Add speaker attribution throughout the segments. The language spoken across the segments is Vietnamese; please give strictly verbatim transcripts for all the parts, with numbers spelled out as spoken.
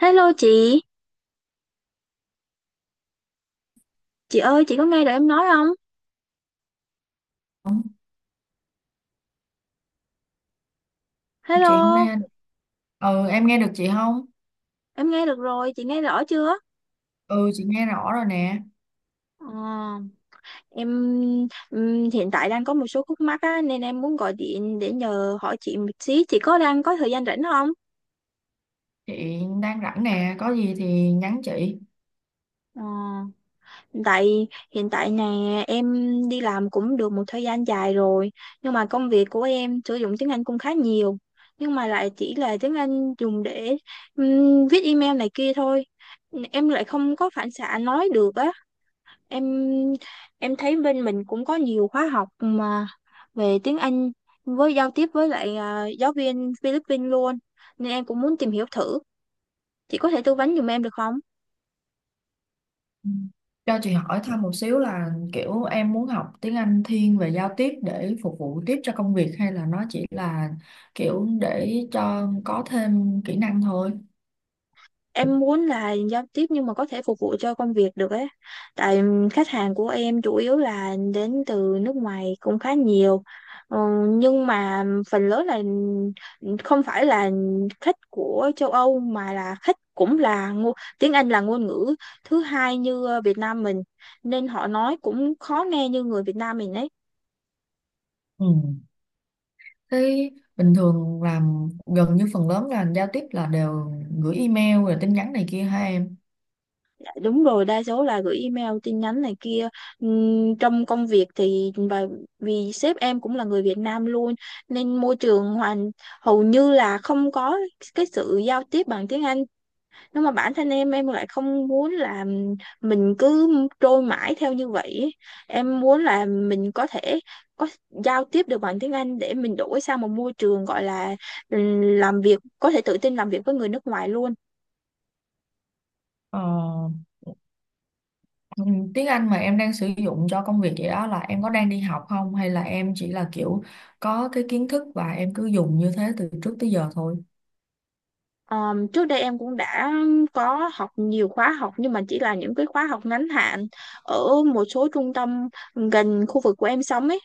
Speaker 1: Hello chị, chị ơi chị có nghe được em nói không?
Speaker 2: Không, chị không
Speaker 1: Hello,
Speaker 2: nghe. Ừ, em nghe được chị không?
Speaker 1: em nghe được rồi, chị nghe rõ chưa?
Speaker 2: Ừ, chị nghe rõ rồi nè.
Speaker 1: Ờ, em ừm, Hiện tại đang có một số khúc mắc á, nên em muốn gọi điện để nhờ hỏi chị một xí. Chị có đang có thời gian rảnh không?
Speaker 2: Chị đang rảnh nè, có gì thì nhắn chị.
Speaker 1: Ờ, hiện tại hiện tại nè, em đi làm cũng được một thời gian dài rồi, nhưng mà công việc của em sử dụng tiếng Anh cũng khá nhiều, nhưng mà lại chỉ là tiếng Anh dùng để ừm, viết email này kia thôi. Em lại không có phản xạ nói được á. Em em thấy bên mình cũng có nhiều khóa học mà về tiếng Anh với giao tiếp với lại à, giáo viên Philippines luôn, nên em cũng muốn tìm hiểu thử. Chị có thể tư vấn giùm em được không?
Speaker 2: Ừ. Cho chị hỏi thăm một xíu là kiểu em muốn học tiếng Anh thiên về giao tiếp để phục vụ tiếp cho công việc, hay là nó chỉ là kiểu để cho có thêm kỹ năng thôi?
Speaker 1: Em muốn là giao tiếp nhưng mà có thể phục vụ cho công việc được ấy, tại khách hàng của em chủ yếu là đến từ nước ngoài cũng khá nhiều. Ờ, nhưng mà phần lớn là không phải là khách của châu Âu, mà là khách cũng là ngôn tiếng Anh là ngôn ngữ thứ hai như ờ, Việt Nam mình, nên họ nói cũng khó nghe như người Việt Nam mình ấy.
Speaker 2: Ừ. Thế bình thường làm gần như phần lớn là giao tiếp là đều gửi email rồi tin nhắn này kia hả em?
Speaker 1: Đúng rồi, đa số là gửi email tin nhắn này kia. Ừm, trong công việc thì và vì sếp em cũng là người Việt Nam luôn, nên môi trường hoàn hầu như là không có cái sự giao tiếp bằng tiếng Anh, nhưng mà bản thân em em lại không muốn là mình cứ trôi mãi theo như vậy ấy. Em muốn là mình có thể có giao tiếp được bằng tiếng Anh để mình đổi sang một môi trường gọi là ừm, làm việc, có thể tự tin làm việc với người nước ngoài luôn.
Speaker 2: ờ Ừ, tiếng Anh mà em đang sử dụng cho công việc vậy đó là em có đang đi học không, hay là em chỉ là kiểu có cái kiến thức và em cứ dùng như thế từ trước tới giờ thôi?
Speaker 1: Ờm, trước đây em cũng đã có học nhiều khóa học, nhưng mà chỉ là những cái khóa học ngắn hạn ở một số trung tâm gần khu vực của em sống ấy.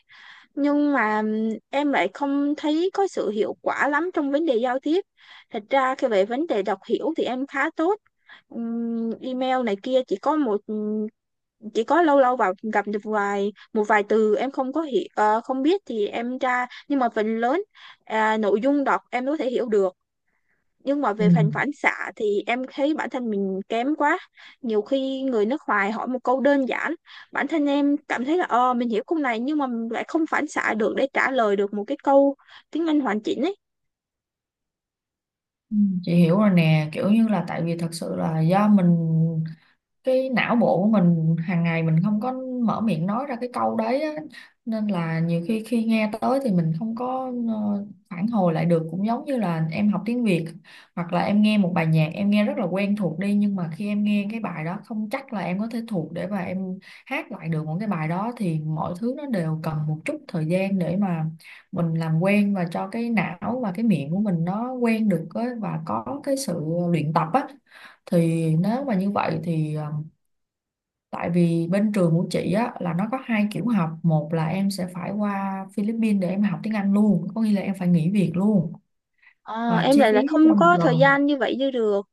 Speaker 1: Nhưng mà ừm, em lại không thấy có sự hiệu quả lắm trong vấn đề giao tiếp. Thật ra khi về vấn đề đọc hiểu thì em khá tốt. Ừm, email này kia chỉ có một ừm, chỉ có lâu lâu vào gặp được vài một vài từ em không có hiểu, ờ, không biết thì em tra, nhưng mà phần lớn à, nội dung đọc em có thể hiểu được, nhưng mà
Speaker 2: Ừ.
Speaker 1: về phần phản xạ thì em thấy bản thân mình kém quá. Nhiều khi người nước ngoài hỏi một câu đơn giản, bản thân em cảm thấy là ờ mình hiểu câu này, nhưng mà mình lại không phản xạ được để trả lời được một cái câu tiếng Anh hoàn chỉnh ấy.
Speaker 2: Ừ. Chị hiểu rồi nè, kiểu như là tại vì thật sự là do mình, cái não bộ của mình hàng ngày mình không có mở miệng nói ra cái câu đấy á. Nên là nhiều khi khi nghe tới thì mình không có ờ, phản hồi lại được, cũng giống như là em học tiếng Việt, hoặc là em nghe một bài nhạc em nghe rất là quen thuộc đi, nhưng mà khi em nghe cái bài đó không chắc là em có thể thuộc để mà em hát lại được một cái bài đó. Thì mọi thứ nó đều cần một chút thời gian để mà mình làm quen và cho cái não và cái miệng của mình nó quen được á, và có cái sự luyện tập á. Thì nếu mà như vậy thì ờ, tại vì bên trường của chị á, là nó có hai kiểu học. Một là em sẽ phải qua Philippines để em học tiếng Anh luôn. Có nghĩa là em phải nghỉ việc luôn.
Speaker 1: Ờ,
Speaker 2: Và
Speaker 1: em
Speaker 2: chi
Speaker 1: lại
Speaker 2: phí
Speaker 1: là
Speaker 2: cho
Speaker 1: không
Speaker 2: một
Speaker 1: có thời
Speaker 2: lần.
Speaker 1: gian như vậy như được.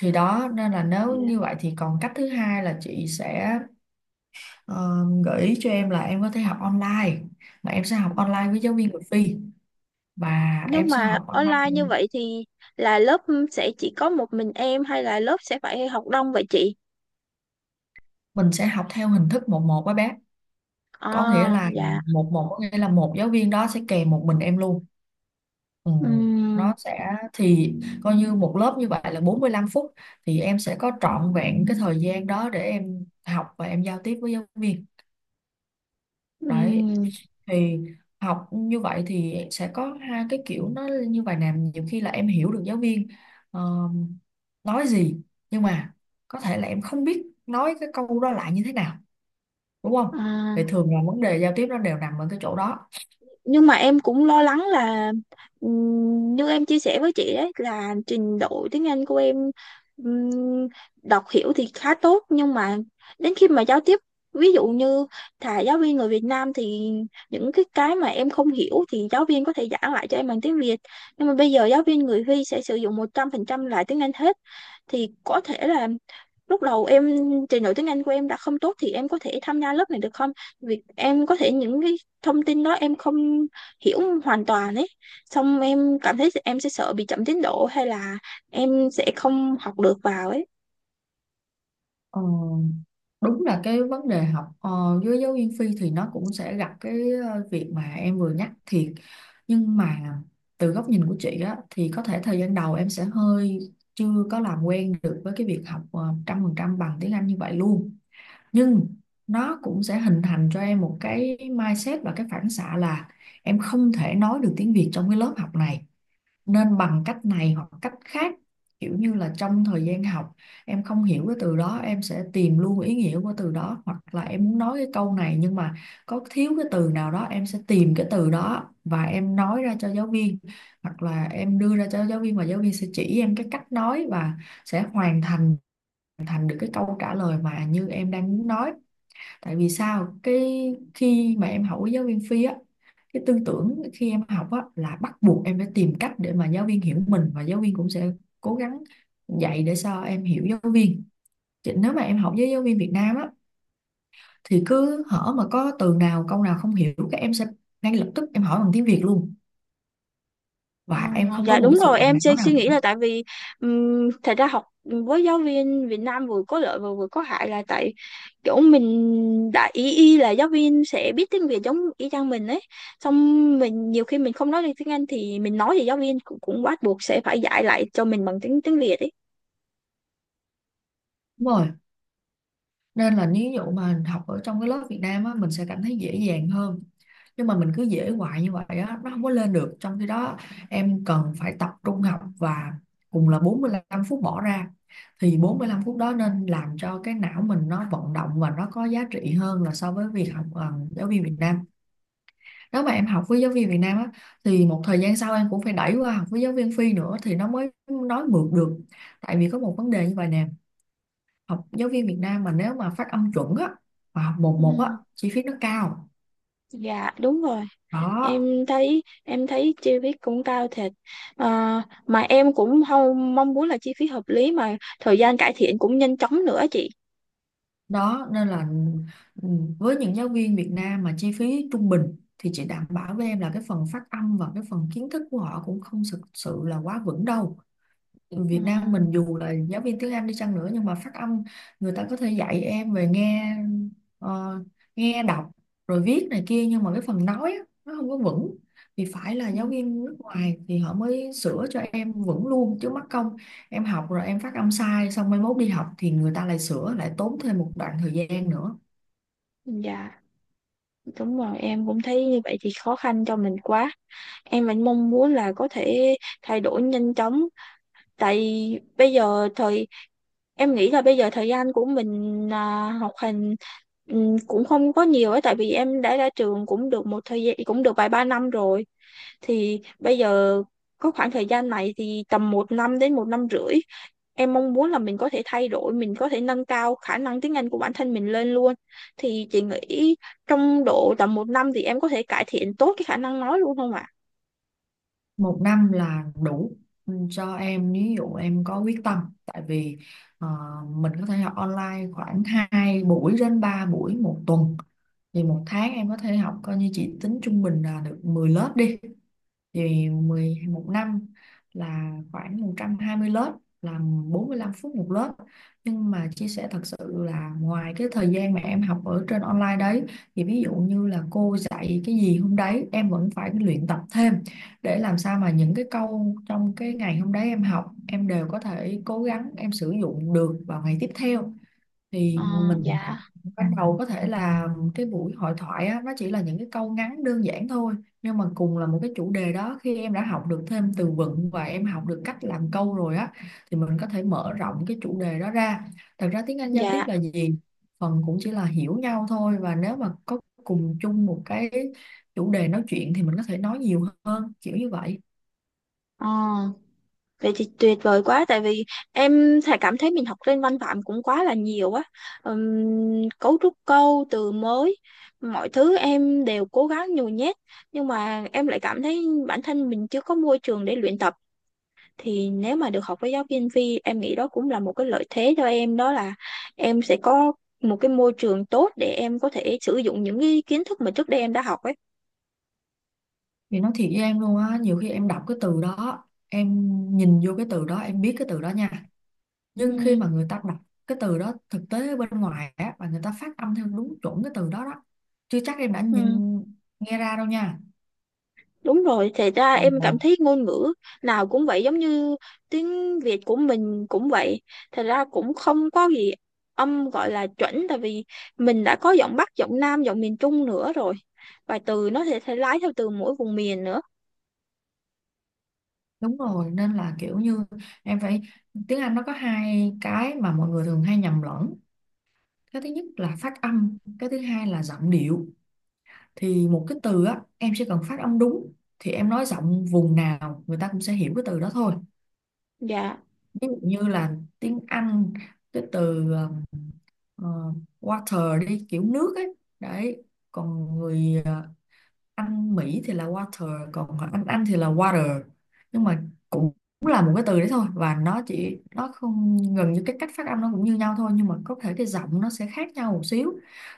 Speaker 2: Thì đó, nên là
Speaker 1: Dạ.
Speaker 2: nếu như vậy thì còn cách thứ hai là chị sẽ ờ, gợi ý cho em là em có thể học online. Mà em sẽ học
Speaker 1: Ừ.
Speaker 2: online với giáo viên người Phi. Và
Speaker 1: Nhưng
Speaker 2: em sẽ
Speaker 1: mà
Speaker 2: học online,
Speaker 1: online như vậy thì là lớp sẽ chỉ có một mình em hay là lớp sẽ phải học đông vậy chị?
Speaker 2: mình sẽ học theo hình thức một một với bé. Có nghĩa
Speaker 1: À,
Speaker 2: là
Speaker 1: dạ.
Speaker 2: một một, có nghĩa là một giáo viên đó sẽ kèm một mình em luôn. Ừ,
Speaker 1: Ừm,
Speaker 2: nó sẽ thì coi như một lớp như vậy là bốn mươi lăm phút, thì em sẽ có trọn vẹn cái thời gian đó để em học và em giao tiếp với giáo viên đấy.
Speaker 1: ừm,
Speaker 2: Thì học như vậy thì sẽ có hai cái kiểu nó như vậy nè, nhiều khi là em hiểu được giáo viên ờ, nói gì, nhưng mà có thể là em không biết nói cái câu đó lại như thế nào, đúng không? Thì
Speaker 1: à.
Speaker 2: thường là vấn đề giao tiếp nó đều nằm ở cái chỗ đó.
Speaker 1: Nhưng mà em cũng lo lắng là, ừm, như em chia sẻ với chị đấy, là trình độ tiếng Anh của em ừm, đọc hiểu thì khá tốt, nhưng mà đến khi mà giao tiếp, ví dụ như thà giáo viên người Việt Nam thì những cái cái mà em không hiểu thì giáo viên có thể giảng lại cho em bằng tiếng Việt, nhưng mà bây giờ giáo viên người Huy sẽ sử dụng một trăm phần trăm lại tiếng Anh hết, thì có thể là lúc đầu em, trình độ tiếng Anh của em đã không tốt thì em có thể tham gia lớp này được không? Việc em có thể những cái thông tin đó em không hiểu hoàn toàn ấy. Xong em cảm thấy em sẽ sợ bị chậm tiến độ hay là em sẽ không học được vào ấy.
Speaker 2: Ờ, đúng là cái vấn đề học ờ, với giáo viên phi thì nó cũng sẽ gặp cái ờ, việc mà em vừa nhắc thiệt, nhưng mà từ góc nhìn của chị á thì có thể thời gian đầu em sẽ hơi chưa có làm quen được với cái việc học ờ, trăm phần trăm bằng tiếng Anh như vậy luôn. Nhưng nó cũng sẽ hình thành cho em một cái mindset và cái phản xạ là em không thể nói được tiếng Việt trong cái lớp học này, nên bằng cách này hoặc cách khác, kiểu như là trong thời gian học em không hiểu cái từ đó em sẽ tìm luôn ý nghĩa của từ đó, hoặc là em muốn nói cái câu này nhưng mà có thiếu cái từ nào đó em sẽ tìm cái từ đó và em nói ra cho giáo viên, hoặc là em đưa ra cho giáo viên và giáo viên sẽ chỉ em cái cách nói, và sẽ hoàn thành hoàn thành được cái câu trả lời mà như em đang muốn nói. Tại vì sao cái khi mà em học với giáo viên phi á, cái tư tưởng khi em học á là bắt buộc em phải tìm cách để mà giáo viên hiểu mình, và giáo viên cũng sẽ cố gắng dạy để sao em hiểu giáo viên. Chứ nếu mà em học với giáo viên Việt Nam á thì cứ hở mà có từ nào câu nào không hiểu các em sẽ ngay lập tức em hỏi bằng tiếng Việt luôn,
Speaker 1: Ờ,
Speaker 2: và em không có
Speaker 1: dạ
Speaker 2: một cái
Speaker 1: đúng
Speaker 2: sự
Speaker 1: rồi,
Speaker 2: động
Speaker 1: em
Speaker 2: não
Speaker 1: suy, suy
Speaker 2: nào cả.
Speaker 1: nghĩ là tại vì um, thật ra học với giáo viên Việt Nam vừa có lợi và vừa có hại, là tại kiểu mình đã ý y là giáo viên sẽ biết tiếng Việt giống y chang mình ấy, xong mình nhiều khi mình không nói được tiếng Anh thì mình nói, thì giáo viên cũng, cũng bắt buộc sẽ phải dạy lại cho mình bằng tiếng tiếng Việt ấy.
Speaker 2: Đúng rồi, nên là nếu dụ mà học ở trong cái lớp Việt Nam á mình sẽ cảm thấy dễ dàng hơn, nhưng mà mình cứ dễ hoài như vậy á nó không có lên được. Trong khi đó em cần phải tập trung học, và cùng là bốn mươi lăm phút bỏ ra thì bốn mươi lăm phút đó nên làm cho cái não mình nó vận động và nó có giá trị hơn là so với việc học ờ, giáo viên Việt Nam. Nếu mà em học với giáo viên Việt Nam á thì một thời gian sau em cũng phải đẩy qua học với giáo viên Phi nữa thì nó mới nói mượt được. Tại vì có một vấn đề như vậy nè, học giáo viên Việt Nam mà nếu mà phát âm chuẩn á và học một
Speaker 1: ừ,
Speaker 2: một á chi phí nó cao.
Speaker 1: dạ đúng rồi,
Speaker 2: đó
Speaker 1: em thấy em thấy chi phí cũng cao thiệt. Ờ, mà em cũng không mong muốn là chi phí hợp lý mà thời gian cải thiện cũng nhanh chóng nữa chị.
Speaker 2: đó nên là ừ, với những giáo viên Việt Nam mà chi phí trung bình thì chị đảm bảo với em là cái phần phát âm và cái phần kiến thức của họ cũng không thực sự là quá vững đâu.
Speaker 1: Ừ.
Speaker 2: Việt Nam mình dù là giáo viên tiếng Anh đi chăng nữa, nhưng mà phát âm, người ta có thể dạy em về nghe, ờ, nghe đọc rồi viết này kia, nhưng mà cái phần nói á, nó không có vững. Thì phải là
Speaker 1: Ừ,
Speaker 2: giáo viên nước ngoài thì họ mới sửa cho em vững luôn, chứ mắc công em học rồi em phát âm sai xong mai mốt đi học thì người ta lại sửa lại, tốn thêm một đoạn thời gian nữa.
Speaker 1: dạ đúng rồi, em cũng thấy như vậy thì khó khăn cho mình quá. Em vẫn mong muốn là có thể thay đổi nhanh chóng, tại bây giờ thời em nghĩ là bây giờ thời gian của mình, à, học hành ừm, cũng không có nhiều ấy, tại vì em đã ra trường cũng được một thời gian, cũng được vài ba năm rồi, thì bây giờ có khoảng thời gian này thì tầm một năm đến một năm rưỡi, em mong muốn là mình có thể thay đổi, mình có thể nâng cao khả năng tiếng Anh của bản thân mình lên luôn. Thì chị nghĩ trong độ tầm một năm thì em có thể cải thiện tốt cái khả năng nói luôn không ạ?
Speaker 2: Một năm là đủ. Ừ, cho em ví dụ em có quyết tâm, tại vì ờ, mình có thể học online khoảng hai buổi đến ba buổi một tuần, thì một tháng em có thể học, coi như chị tính trung bình là được mười lớp đi, thì mười một năm là khoảng một trăm hai mươi lớp, là bốn mươi lăm phút một lớp. Nhưng mà chia sẻ thật sự là ngoài cái thời gian mà em học ở trên online đấy, thì ví dụ như là cô dạy cái gì hôm đấy em vẫn phải luyện tập thêm, để làm sao mà những cái câu trong cái ngày hôm đấy em học em đều có thể cố gắng em sử dụng được vào ngày tiếp theo.
Speaker 1: Ờ,
Speaker 2: Thì mình
Speaker 1: dạ
Speaker 2: ban đầu có thể là cái buổi hội thoại á, nó chỉ là những cái câu ngắn đơn giản thôi, nhưng mà cùng là một cái chủ đề đó khi em đã học được thêm từ vựng và em học được cách làm câu rồi á thì mình có thể mở rộng cái chủ đề đó ra. Thật ra tiếng Anh giao tiếp
Speaker 1: dạ.
Speaker 2: là gì, phần cũng chỉ là hiểu nhau thôi, và nếu mà có cùng chung một cái chủ đề nói chuyện thì mình có thể nói nhiều hơn, kiểu như vậy.
Speaker 1: Ờ. Vậy thì tuyệt vời quá, tại vì em thà cảm thấy mình học lên văn phạm cũng quá là nhiều á. Ừm, cấu trúc câu từ mới, mọi thứ em đều cố gắng nhồi nhét, nhưng mà em lại cảm thấy bản thân mình chưa có môi trường để luyện tập. Thì nếu mà được học với giáo viên Vi, em nghĩ đó cũng là một cái lợi thế cho em, đó là em sẽ có một cái môi trường tốt để em có thể sử dụng những cái kiến thức mà trước đây em đã học ấy.
Speaker 2: Thì nói thiệt với em luôn á, nhiều khi em đọc cái từ đó, em nhìn vô cái từ đó em biết cái từ đó nha, nhưng khi
Speaker 1: Ừ.
Speaker 2: mà người ta đọc cái từ đó thực tế ở bên ngoài á, và người ta phát âm theo đúng chuẩn cái từ đó đó, chưa chắc em đã nhìn
Speaker 1: Ừ.
Speaker 2: nghe ra đâu nha.
Speaker 1: Đúng rồi, thì ra
Speaker 2: Ồ.
Speaker 1: em cảm thấy ngôn ngữ nào cũng vậy, giống như tiếng Việt của mình cũng vậy. Thật ra cũng không có gì âm gọi là chuẩn, tại vì mình đã có giọng Bắc, giọng Nam, giọng miền Trung nữa rồi. Và từ nó sẽ, sẽ lái theo từ mỗi vùng miền nữa.
Speaker 2: Đúng rồi, nên là kiểu như em phải, tiếng Anh nó có hai cái mà mọi người thường hay nhầm lẫn: cái thứ nhất là phát âm, cái thứ hai là giọng điệu. Thì một cái từ á em chỉ cần phát âm đúng thì em nói giọng vùng nào người ta cũng sẽ hiểu cái từ đó thôi.
Speaker 1: Dạ.
Speaker 2: Ví dụ như là tiếng Anh cái từ ờ, ờ, water đi, kiểu nước ấy đấy, còn người ờ, anh Mỹ thì là water, còn anh Anh thì là water, nhưng mà cũng là một cái từ đấy thôi, và nó chỉ nó không, gần như cái cách phát âm nó cũng như nhau thôi, nhưng mà có thể cái giọng nó sẽ khác nhau một xíu.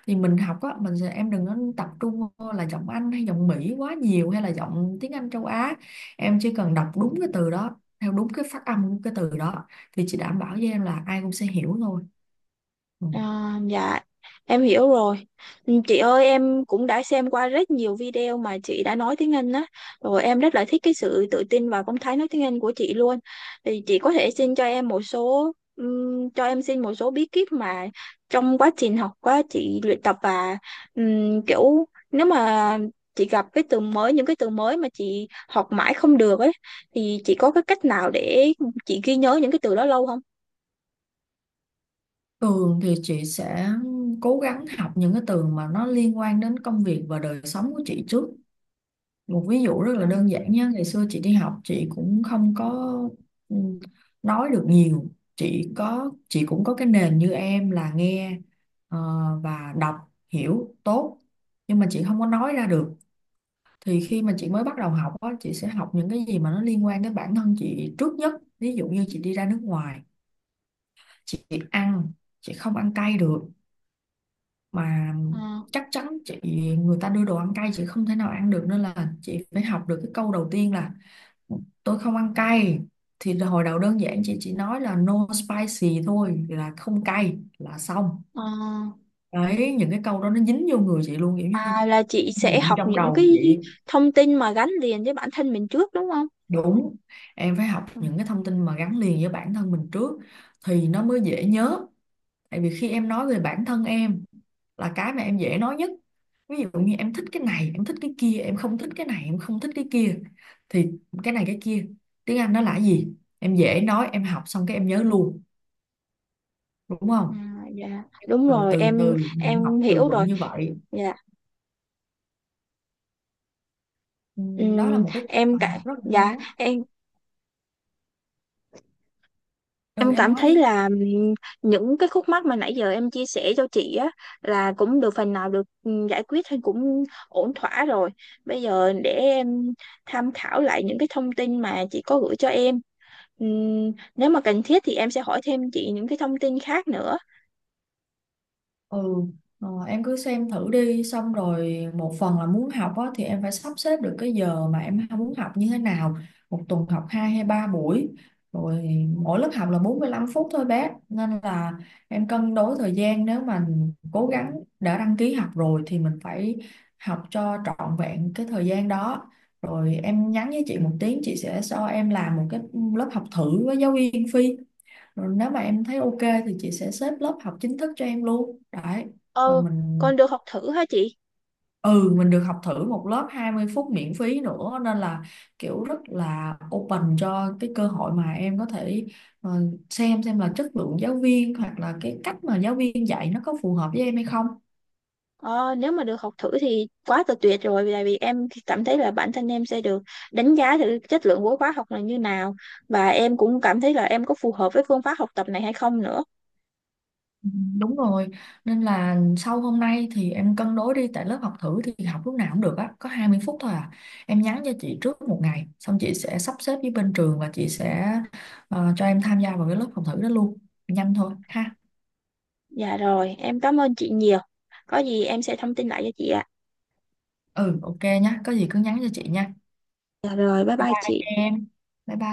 Speaker 2: Thì mình học á, mình sẽ em đừng nên tập trung vô là giọng Anh hay giọng Mỹ quá nhiều, hay là giọng tiếng Anh châu Á, em chỉ cần đọc đúng cái từ đó theo đúng cái phát âm của cái từ đó, thì chị đảm bảo với em là ai cũng sẽ hiểu thôi. Ừ.
Speaker 1: À, dạ em hiểu rồi. Ừ, chị ơi, em cũng đã xem qua rất nhiều video mà chị đã nói tiếng Anh á, rồi em rất là thích cái sự tự tin và phong thái nói tiếng Anh của chị luôn. Thì chị có thể xin cho em một số, ừm, cho em xin một số bí kíp mà trong quá trình học quá chị luyện tập, và ừm, kiểu nếu mà chị gặp cái từ mới, những cái từ mới mà chị học mãi không được ấy, thì chị có cái cách nào để chị ghi nhớ những cái từ đó lâu không?
Speaker 2: Tường thì chị sẽ cố gắng học những cái từ mà nó liên quan đến công việc và đời sống của chị trước. Một ví dụ rất
Speaker 1: À,
Speaker 2: là đơn giản nhé, ngày xưa chị đi học chị cũng không có ừ, nói được nhiều. Chị có chị cũng có cái nền như em là nghe ờ, và đọc hiểu tốt nhưng mà chị không có nói ra được. Thì khi mà chị mới bắt đầu học á, chị sẽ học những cái gì mà nó liên quan đến bản thân chị trước nhất. Ví dụ như chị đi ra nước ngoài, chị ăn, chị không ăn cay được mà
Speaker 1: à,
Speaker 2: chắc chắn chị người ta đưa đồ ăn cay chị không thể nào ăn được nên là chị phải học được cái câu đầu tiên là tôi không ăn cay. Thì hồi đầu đơn giản chị chỉ nói là no spicy thôi, là không cay là xong.
Speaker 1: à.
Speaker 2: Đấy, những cái câu đó nó dính vô người chị luôn, kiểu như
Speaker 1: À là chị sẽ
Speaker 2: niệm
Speaker 1: học
Speaker 2: trong
Speaker 1: những
Speaker 2: đầu
Speaker 1: cái
Speaker 2: chị.
Speaker 1: thông tin mà gắn liền với bản thân mình trước, đúng không?
Speaker 2: Đúng, em phải học
Speaker 1: Ừ.
Speaker 2: những cái thông tin mà gắn liền với bản thân mình trước thì nó mới dễ nhớ. Tại vì khi em nói về bản thân em là cái mà em dễ nói nhất. Ví dụ như em thích cái này, em thích cái kia, em không thích cái này, em không thích cái kia, thì cái này cái kia tiếng Anh nó là cái gì, em dễ nói, em học xong cái em nhớ luôn, đúng
Speaker 1: À,
Speaker 2: không?
Speaker 1: dạ đúng
Speaker 2: Rồi
Speaker 1: rồi,
Speaker 2: từ
Speaker 1: em
Speaker 2: từ mình
Speaker 1: em
Speaker 2: học từ
Speaker 1: hiểu rồi
Speaker 2: vựng như vậy.
Speaker 1: dạ.
Speaker 2: Ừ, Đó là
Speaker 1: Ừm,
Speaker 2: một cái cách
Speaker 1: em
Speaker 2: mà học
Speaker 1: cả
Speaker 2: rất là hay
Speaker 1: Dạ
Speaker 2: đó.
Speaker 1: em
Speaker 2: ừ
Speaker 1: em
Speaker 2: em
Speaker 1: cảm
Speaker 2: nói
Speaker 1: thấy
Speaker 2: đi.
Speaker 1: là ừm, những cái khúc mắc mà nãy giờ em chia sẻ cho chị á, là cũng được phần nào được ừm, giải quyết hay cũng ổn thỏa rồi. Bây giờ để em tham khảo lại những cái thông tin mà chị có gửi cho em. Ừm, nếu mà cần thiết thì em sẽ hỏi thêm chị những cái thông tin khác nữa.
Speaker 2: Ừ, ờ, em cứ xem thử đi, xong rồi một phần là muốn học á, thì em phải sắp xếp được cái giờ mà em muốn học như thế nào. Một tuần học hai hay ba buổi, rồi mỗi lớp học là bốn mươi lăm phút thôi bé, nên là em cân đối thời gian. Nếu mà cố gắng đã đăng ký học rồi thì mình phải học cho trọn vẹn cái thời gian đó. Rồi em nhắn với chị một tiếng, chị sẽ cho em làm một cái lớp học thử với giáo viên Phi, rồi nếu mà em thấy ok thì chị sẽ xếp lớp học chính thức cho em luôn đấy. Rồi
Speaker 1: Ờ,
Speaker 2: mình
Speaker 1: con được học thử hả chị?
Speaker 2: ừ mình được học thử một lớp hai mươi phút miễn phí nữa, nên là kiểu rất là open cho cái cơ hội mà em có thể ờ, xem xem là chất lượng giáo viên hoặc là cái cách mà giáo viên dạy nó có phù hợp với em hay không.
Speaker 1: Ờ, Nếu mà được học thử thì quá là tuyệt rồi, tại vì em cảm thấy là bản thân em sẽ được đánh giá thử chất lượng của khóa học là như nào, và em cũng cảm thấy là em có phù hợp với phương pháp học tập này hay không nữa.
Speaker 2: Ừ, Đúng rồi, nên là sau hôm nay thì em cân đối đi, tại lớp học thử thì học lúc nào cũng được á, có hai mươi phút thôi à. Em nhắn cho chị trước một ngày, xong chị sẽ sắp xếp với bên trường và chị sẽ ờ, cho em tham gia vào cái lớp học thử đó luôn. Nhanh thôi ha.
Speaker 1: Dạ rồi, em cảm ơn chị nhiều. Có gì em sẽ thông tin lại cho chị ạ.
Speaker 2: Ừ, ok nhá, có gì cứ nhắn cho chị nha.
Speaker 1: Dạ rồi, bye
Speaker 2: Bye
Speaker 1: bye
Speaker 2: bye
Speaker 1: chị.
Speaker 2: em. Bye bye.